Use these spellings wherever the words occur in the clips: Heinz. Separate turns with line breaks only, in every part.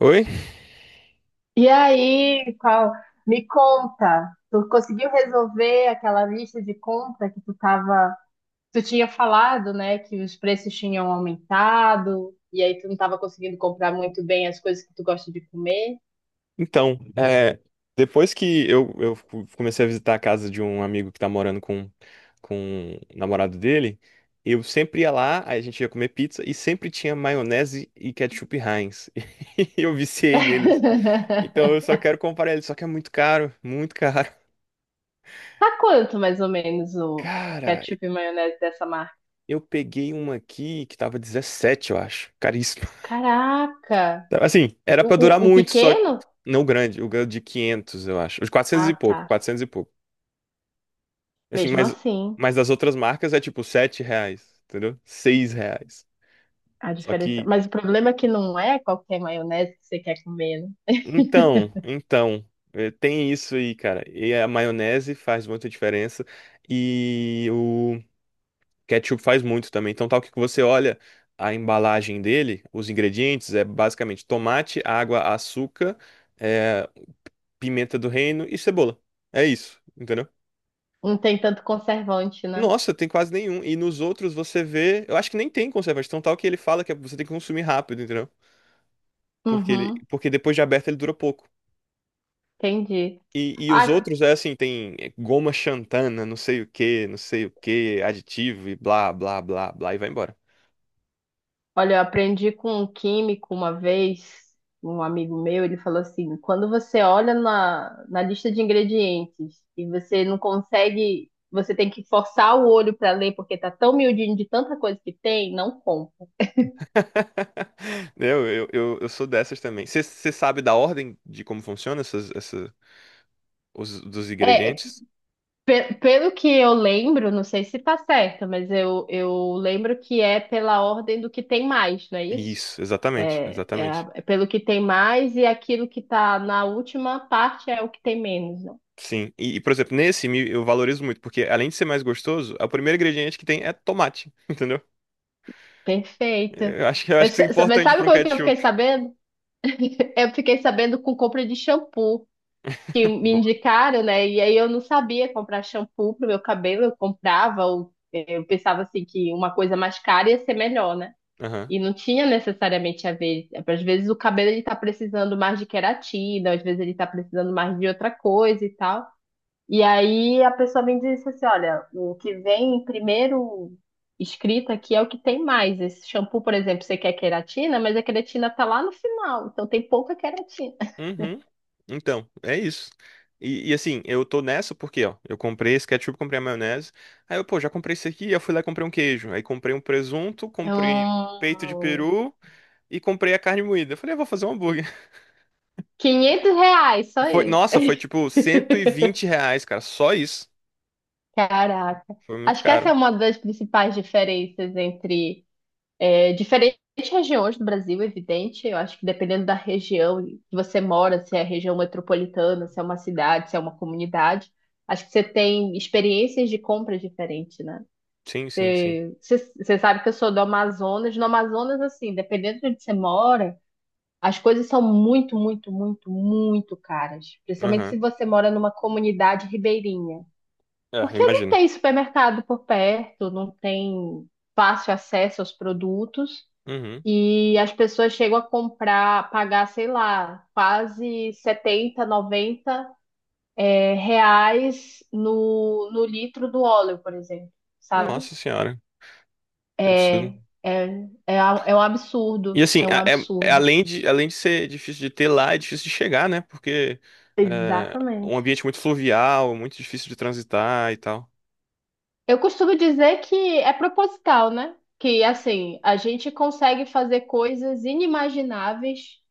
Oi?
E aí, qual? Me conta, tu conseguiu resolver aquela lista de compra que tu tinha falado, né, que os preços tinham aumentado e aí tu não tava conseguindo comprar muito bem as coisas que tu gosta de comer?
Então, depois que eu comecei a visitar a casa de um amigo que tá morando com o namorado dele, eu sempre ia lá, aí a gente ia comer pizza e sempre tinha maionese e ketchup Heinz. E eu viciei neles. Então eu só quero comprar eles, só que é muito caro, muito caro.
Tá quanto mais ou menos o
Cara,
ketchup e maionese dessa marca?
eu peguei uma aqui que tava 17, eu acho. Caríssimo.
Caraca!
Assim, era
O,
pra durar
o, o
muito, só que
pequeno?
não. O grande, o grande de 500, eu acho. Os quatrocentos
Ah,
e
tá.
pouco, 400 e pouco. Assim,
Mesmo assim,
mas das outras marcas é tipo 7 reais, entendeu? Seis reais.
a
Só
diferença.
que,
Mas o problema é que não é qualquer maionese que você quer comer, né?
então, tem isso aí, cara. E a maionese faz muita diferença. E o ketchup faz muito também. Então, tal que você olha a embalagem dele, os ingredientes é basicamente tomate, água, açúcar, eh, pimenta do reino e cebola. É isso, entendeu?
Não tem tanto conservante, né?
Nossa, tem quase nenhum. E nos outros você vê. Eu acho que nem tem conservante. Então, tal que ele fala que é, você tem que consumir rápido, entendeu? Porque
Uhum,
porque depois de aberto ele dura pouco.
entendi.
E os
Ah,
outros é assim, tem é, goma xantana, não sei o que, não sei o que, aditivo e blá, blá, blá, blá, e vai embora.
olha, eu aprendi com um químico uma vez, um amigo meu, ele falou assim: quando você olha na lista de ingredientes e você não consegue, você tem que forçar o olho para ler porque tá tão miudinho de tanta coisa que tem, não compra.
Eu sou dessas também. Você sabe da ordem de como funciona dos
É,
ingredientes?
pelo que eu lembro, não sei se tá certo, mas eu lembro que é pela ordem do que tem mais, não é isso?
Isso, exatamente,
É,
exatamente.
é pelo que tem mais e aquilo que está na última parte é o que tem menos, né?
Sim. Por exemplo, nesse eu valorizo muito, porque além de ser mais gostoso, é o primeiro ingrediente que tem é tomate, entendeu?
Perfeita.
Eu acho, eu acho que isso é
Mas
importante
sabe
para um
como é que eu fiquei
ketchup.
sabendo? Eu fiquei sabendo com compra de shampoo, que me
Boa.
indicaram, né? E aí eu não sabia comprar shampoo pro meu cabelo, eu comprava, ou, eu pensava assim que uma coisa mais cara ia ser melhor, né?
Aham.
E não tinha necessariamente a ver. Às vezes o cabelo ele tá precisando mais de queratina, às vezes ele tá precisando mais de outra coisa e tal. E aí a pessoa me disse assim: olha, o que vem primeiro escrito aqui é o que tem mais. Esse shampoo, por exemplo, você quer queratina, mas a queratina tá lá no final, então tem pouca queratina.
Uhum. Então, é isso. Assim, eu tô nessa porque, ó, eu comprei esse ketchup, comprei a maionese. Aí eu, pô, já comprei isso aqui, aí eu fui lá e comprei um queijo. Aí comprei um presunto,
É
comprei um peito de
um...
peru e comprei a carne moída. Eu falei, eu vou fazer um hambúrguer.
R$ 500, só
Foi,
isso.
nossa, foi tipo 120 reais, cara, só isso.
Caraca.
Foi muito
Acho que essa é
caro.
uma das principais diferenças entre. É, diferentes regiões do Brasil, é evidente, eu acho que dependendo da região que você mora, se é região metropolitana, se é uma cidade, se é uma comunidade, acho que você tem experiências de compra diferentes, né?
Sim, sim, sim.
Você sabe que eu sou do Amazonas, no Amazonas, assim, dependendo de onde você mora, as coisas são muito, muito, muito, muito caras, principalmente
Aham.
se você mora numa comunidade ribeirinha.
É, eu
Porque não
imagino.
tem supermercado por perto, não tem fácil acesso aos produtos.
Uhum.
E as pessoas chegam a comprar, pagar, sei lá, quase 70, 90 é, reais no litro do óleo, por exemplo, sabe?
Nossa senhora, que absurdo.
É, é, é um
E
absurdo,
assim,
é um
é
absurdo.
além de ser difícil de ter lá, é difícil de chegar, né? Porque é um
Exatamente.
ambiente muito fluvial, muito difícil de transitar e tal.
Eu costumo dizer que é proposital, né? Que assim, a gente consegue fazer coisas inimagináveis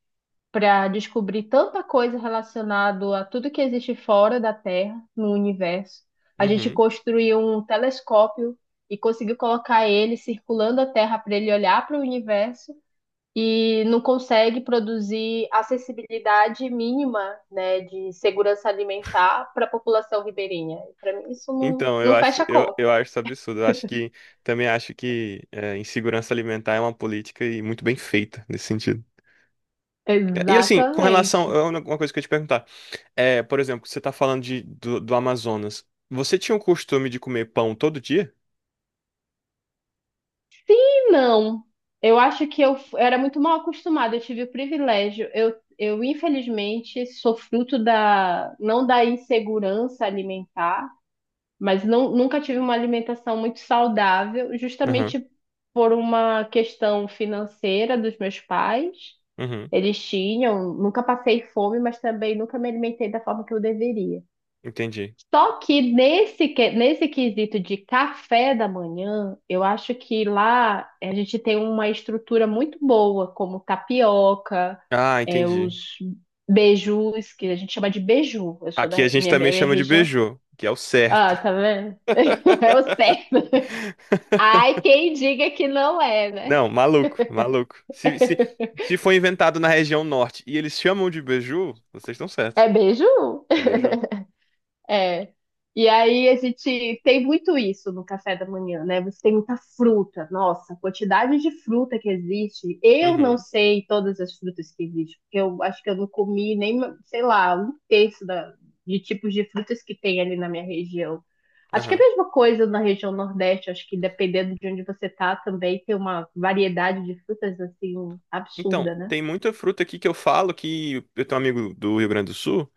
para descobrir tanta coisa relacionada a tudo que existe fora da Terra, no universo. A gente
Uhum.
construiu um telescópio e conseguiu colocar ele circulando a Terra para ele olhar para o universo e não consegue produzir acessibilidade mínima, né, de segurança alimentar para a população ribeirinha. Para mim isso
Então, eu
não
acho,
fecha conta.
eu acho isso absurdo. Eu acho que também acho insegurança alimentar é uma política e muito bem feita nesse sentido. E assim, com relação,
Exatamente.
é uma coisa que eu ia te perguntar. É, por exemplo, você tá falando do Amazonas. Você tinha o costume de comer pão todo dia?
Não, eu acho que eu era muito mal acostumada, eu tive o privilégio. Eu infelizmente sou fruto da, não da insegurança alimentar, mas não, nunca tive uma alimentação muito saudável,
Aham.
justamente por uma questão financeira dos meus pais.
Uhum.
Eles tinham, nunca passei fome, mas também nunca me alimentei da forma que eu deveria.
Entendi.
Só que nesse quesito de café da manhã, eu acho que lá a gente tem uma estrutura muito boa, como tapioca,
Ah,
é,
entendi.
os beijus, que a gente chama de beiju. Eu sou da
Aqui a gente também
minha
chama de
região.
beijô, que é o
Ah,
certo.
tá vendo? Eu sei. Ai, quem diga que não é, né?
Não, maluco, maluco. Se foi inventado na região norte e eles chamam de beiju, vocês estão certos.
É beiju?
É beiju.
É. E aí a gente tem muito isso no café da manhã, né? Você tem muita fruta. Nossa, a quantidade de fruta que existe. Eu não
Uhum,
sei todas as frutas que existem, porque eu acho que eu não comi nem, sei lá, um terço de tipos de frutas que tem ali na minha região. Acho que é a
aham.
mesma coisa na região Nordeste, acho que dependendo de onde você tá também tem uma variedade de frutas assim
Então,
absurda, né?
tem muita fruta aqui que eu falo que eu tenho um amigo do Rio Grande do Sul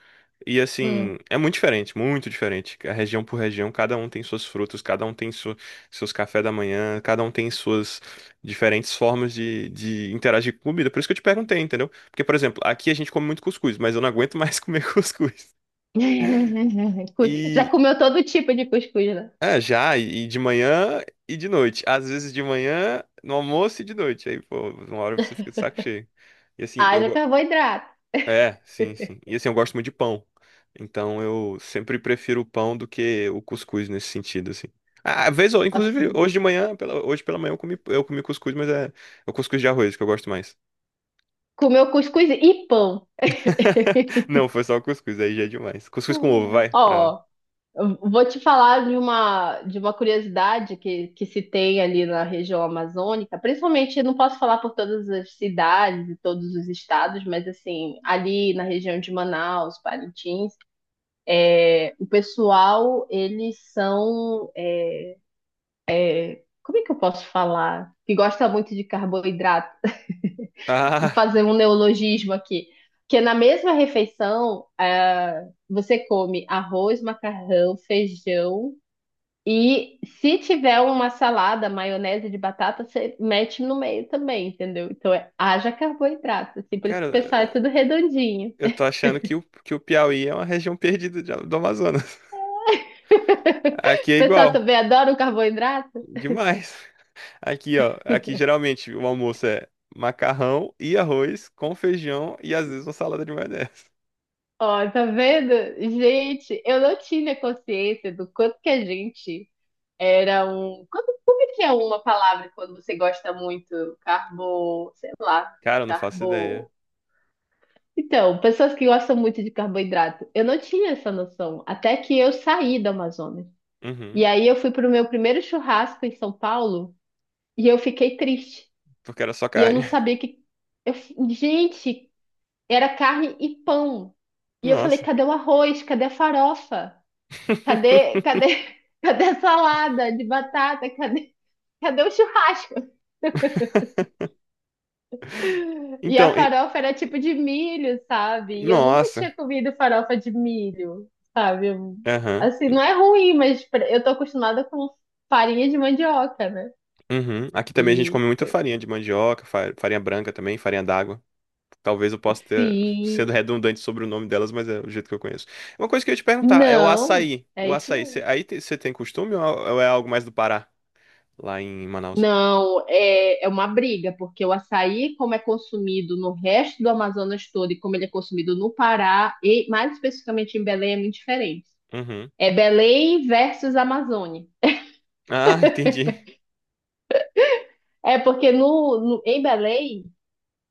e
Hum.
assim, é muito diferente, muito diferente. A região por região, cada um tem suas frutas, cada um tem seus cafés da manhã, cada um tem suas diferentes formas de interagir com comida. Por isso que eu te perguntei, entendeu? Porque, por exemplo, aqui a gente come muito cuscuz, mas eu não aguento mais comer cuscuz.
Já
E
comeu todo tipo de cuscuz, né?
é, já, e de manhã e de noite. Às vezes de manhã, no almoço e de noite. Aí, pô, uma hora você fica de saco cheio. E assim, eu,
Haja carboidrato.
É, sim, sim. E assim, eu gosto muito de pão. Então eu sempre prefiro o pão do que o cuscuz nesse sentido, assim. Ah, às vezes, inclusive,
Assim,
hoje de manhã, hoje pela manhã eu comi cuscuz, é o cuscuz de arroz que eu gosto mais.
comeu cuscuz e pão.
Não, foi só o cuscuz, aí já é demais. Cuscuz com ovo, vai, pra...
Ó, eu vou te falar de de uma curiosidade que se tem ali na região amazônica, principalmente, eu não posso falar por todas as cidades e todos os estados, mas assim, ali na região de Manaus, Parintins, é, o pessoal, eles são, é, como é que eu posso falar? Que gosta muito de carboidrato
Ah,
fazer um neologismo aqui. Que na mesma refeição, ah, você come arroz, macarrão, feijão e se tiver uma salada, maionese de batata, você mete no meio também, entendeu? Então é, haja carboidrato, assim, por isso que
cara,
o pessoal é tudo redondinho.
eu tô achando que que o Piauí é uma região perdida do Amazonas. Aqui
O
é
pessoal
igual,
também adora o carboidrato.
demais. Aqui, ó, aqui geralmente o almoço é macarrão e arroz com feijão e às vezes uma salada de maionese.
Ó, tá vendo? Gente, eu não tinha consciência do quanto que a gente. Era um. Quando. Como é que é uma palavra quando você gosta muito? Carbo. Sei lá.
Cara, eu não faço ideia.
Carbo. Então, pessoas que gostam muito de carboidrato. Eu não tinha essa noção. Até que eu saí da Amazônia.
Uhum,
E aí eu fui pro meu primeiro churrasco em São Paulo e eu fiquei triste.
porque era só
E eu não
carne.
sabia que. Eu. Gente, era carne e pão. E eu falei:
Nossa.
cadê o arroz? Cadê a farofa? Cadê, cadê, cadê a salada de batata? Cadê o churrasco? E a
Então, e-
farofa era tipo de milho, sabe? E eu nunca
nossa.
tinha comido farofa de milho, sabe?
Aham.
Assim, não é ruim, mas eu tô acostumada com farinha de mandioca, né?
Uhum. Aqui também a gente
E
come muita farinha de mandioca, farinha branca também, farinha d'água. Talvez eu possa ter
sim,
sendo redundante sobre o nome delas, mas é o jeito que eu conheço. Uma coisa que eu ia te perguntar é o
não,
açaí. O
é isso
açaí,
mesmo.
você tem costume ou é algo mais do Pará? Lá em Manaus.
Não, é, é uma briga, porque o açaí, como é consumido no resto do Amazonas todo e como ele é consumido no Pará, e mais especificamente em Belém, é muito diferente.
Uhum.
É Belém versus Amazônia.
Ah, entendi.
É porque em Belém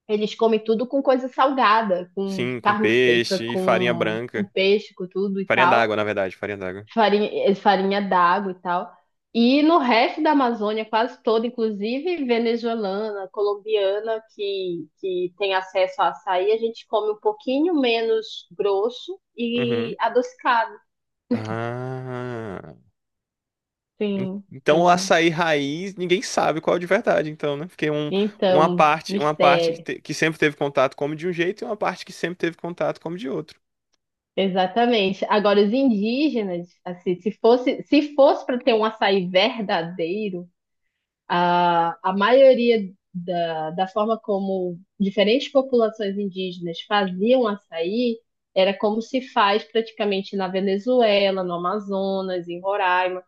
eles comem tudo com coisa salgada, com
Sim, com
carne seca,
peixe e farinha
com
branca.
peixe, com tudo e
Farinha
tal,
d'água, na verdade, farinha d'água.
farinha, é, farinha d'água e tal. E no resto da Amazônia, quase toda, inclusive venezuelana, colombiana, que tem acesso a açaí, a gente come um pouquinho menos grosso e
Uhum.
adocicado.
Ah,
Sim,
então o
sim.
açaí raiz, ninguém sabe qual é o de verdade, então, né? Porque um, uma
Então,
parte,
mistério.
que sempre teve contato come de um jeito e uma parte que sempre teve contato come de outro.
Exatamente. Agora, os indígenas, assim, se fosse para ter um açaí verdadeiro, a maioria da forma como diferentes populações indígenas faziam açaí era como se faz praticamente na Venezuela, no Amazonas, em Roraima,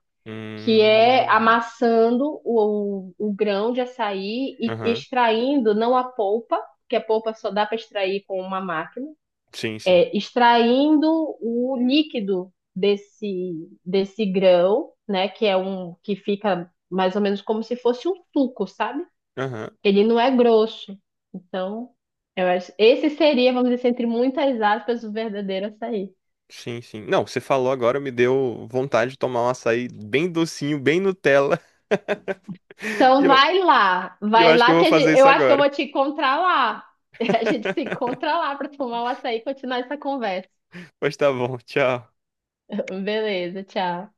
que é
Hum.
amassando o grão de açaí e
Aham.
extraindo não a polpa, que a polpa só dá para extrair com uma máquina
Sim, sim.
é, extraindo o líquido desse grão, né? Que é um que fica mais ou menos como se fosse um suco, sabe?
Aham.
Ele não é grosso. Então, eu acho, esse seria, vamos dizer, assim, entre muitas aspas, o verdadeiro açaí.
Sim, sim. Não, você falou agora, me deu vontade de tomar um açaí bem docinho, bem Nutella. E
Então,
eu E eu
vai
acho que
lá
eu
que
vou
a
fazer
gente,
isso
eu acho que eu
agora.
vou te encontrar lá. A gente se encontra lá para tomar o açaí e continuar essa conversa.
Pois tá bom, tchau.
Beleza, tchau.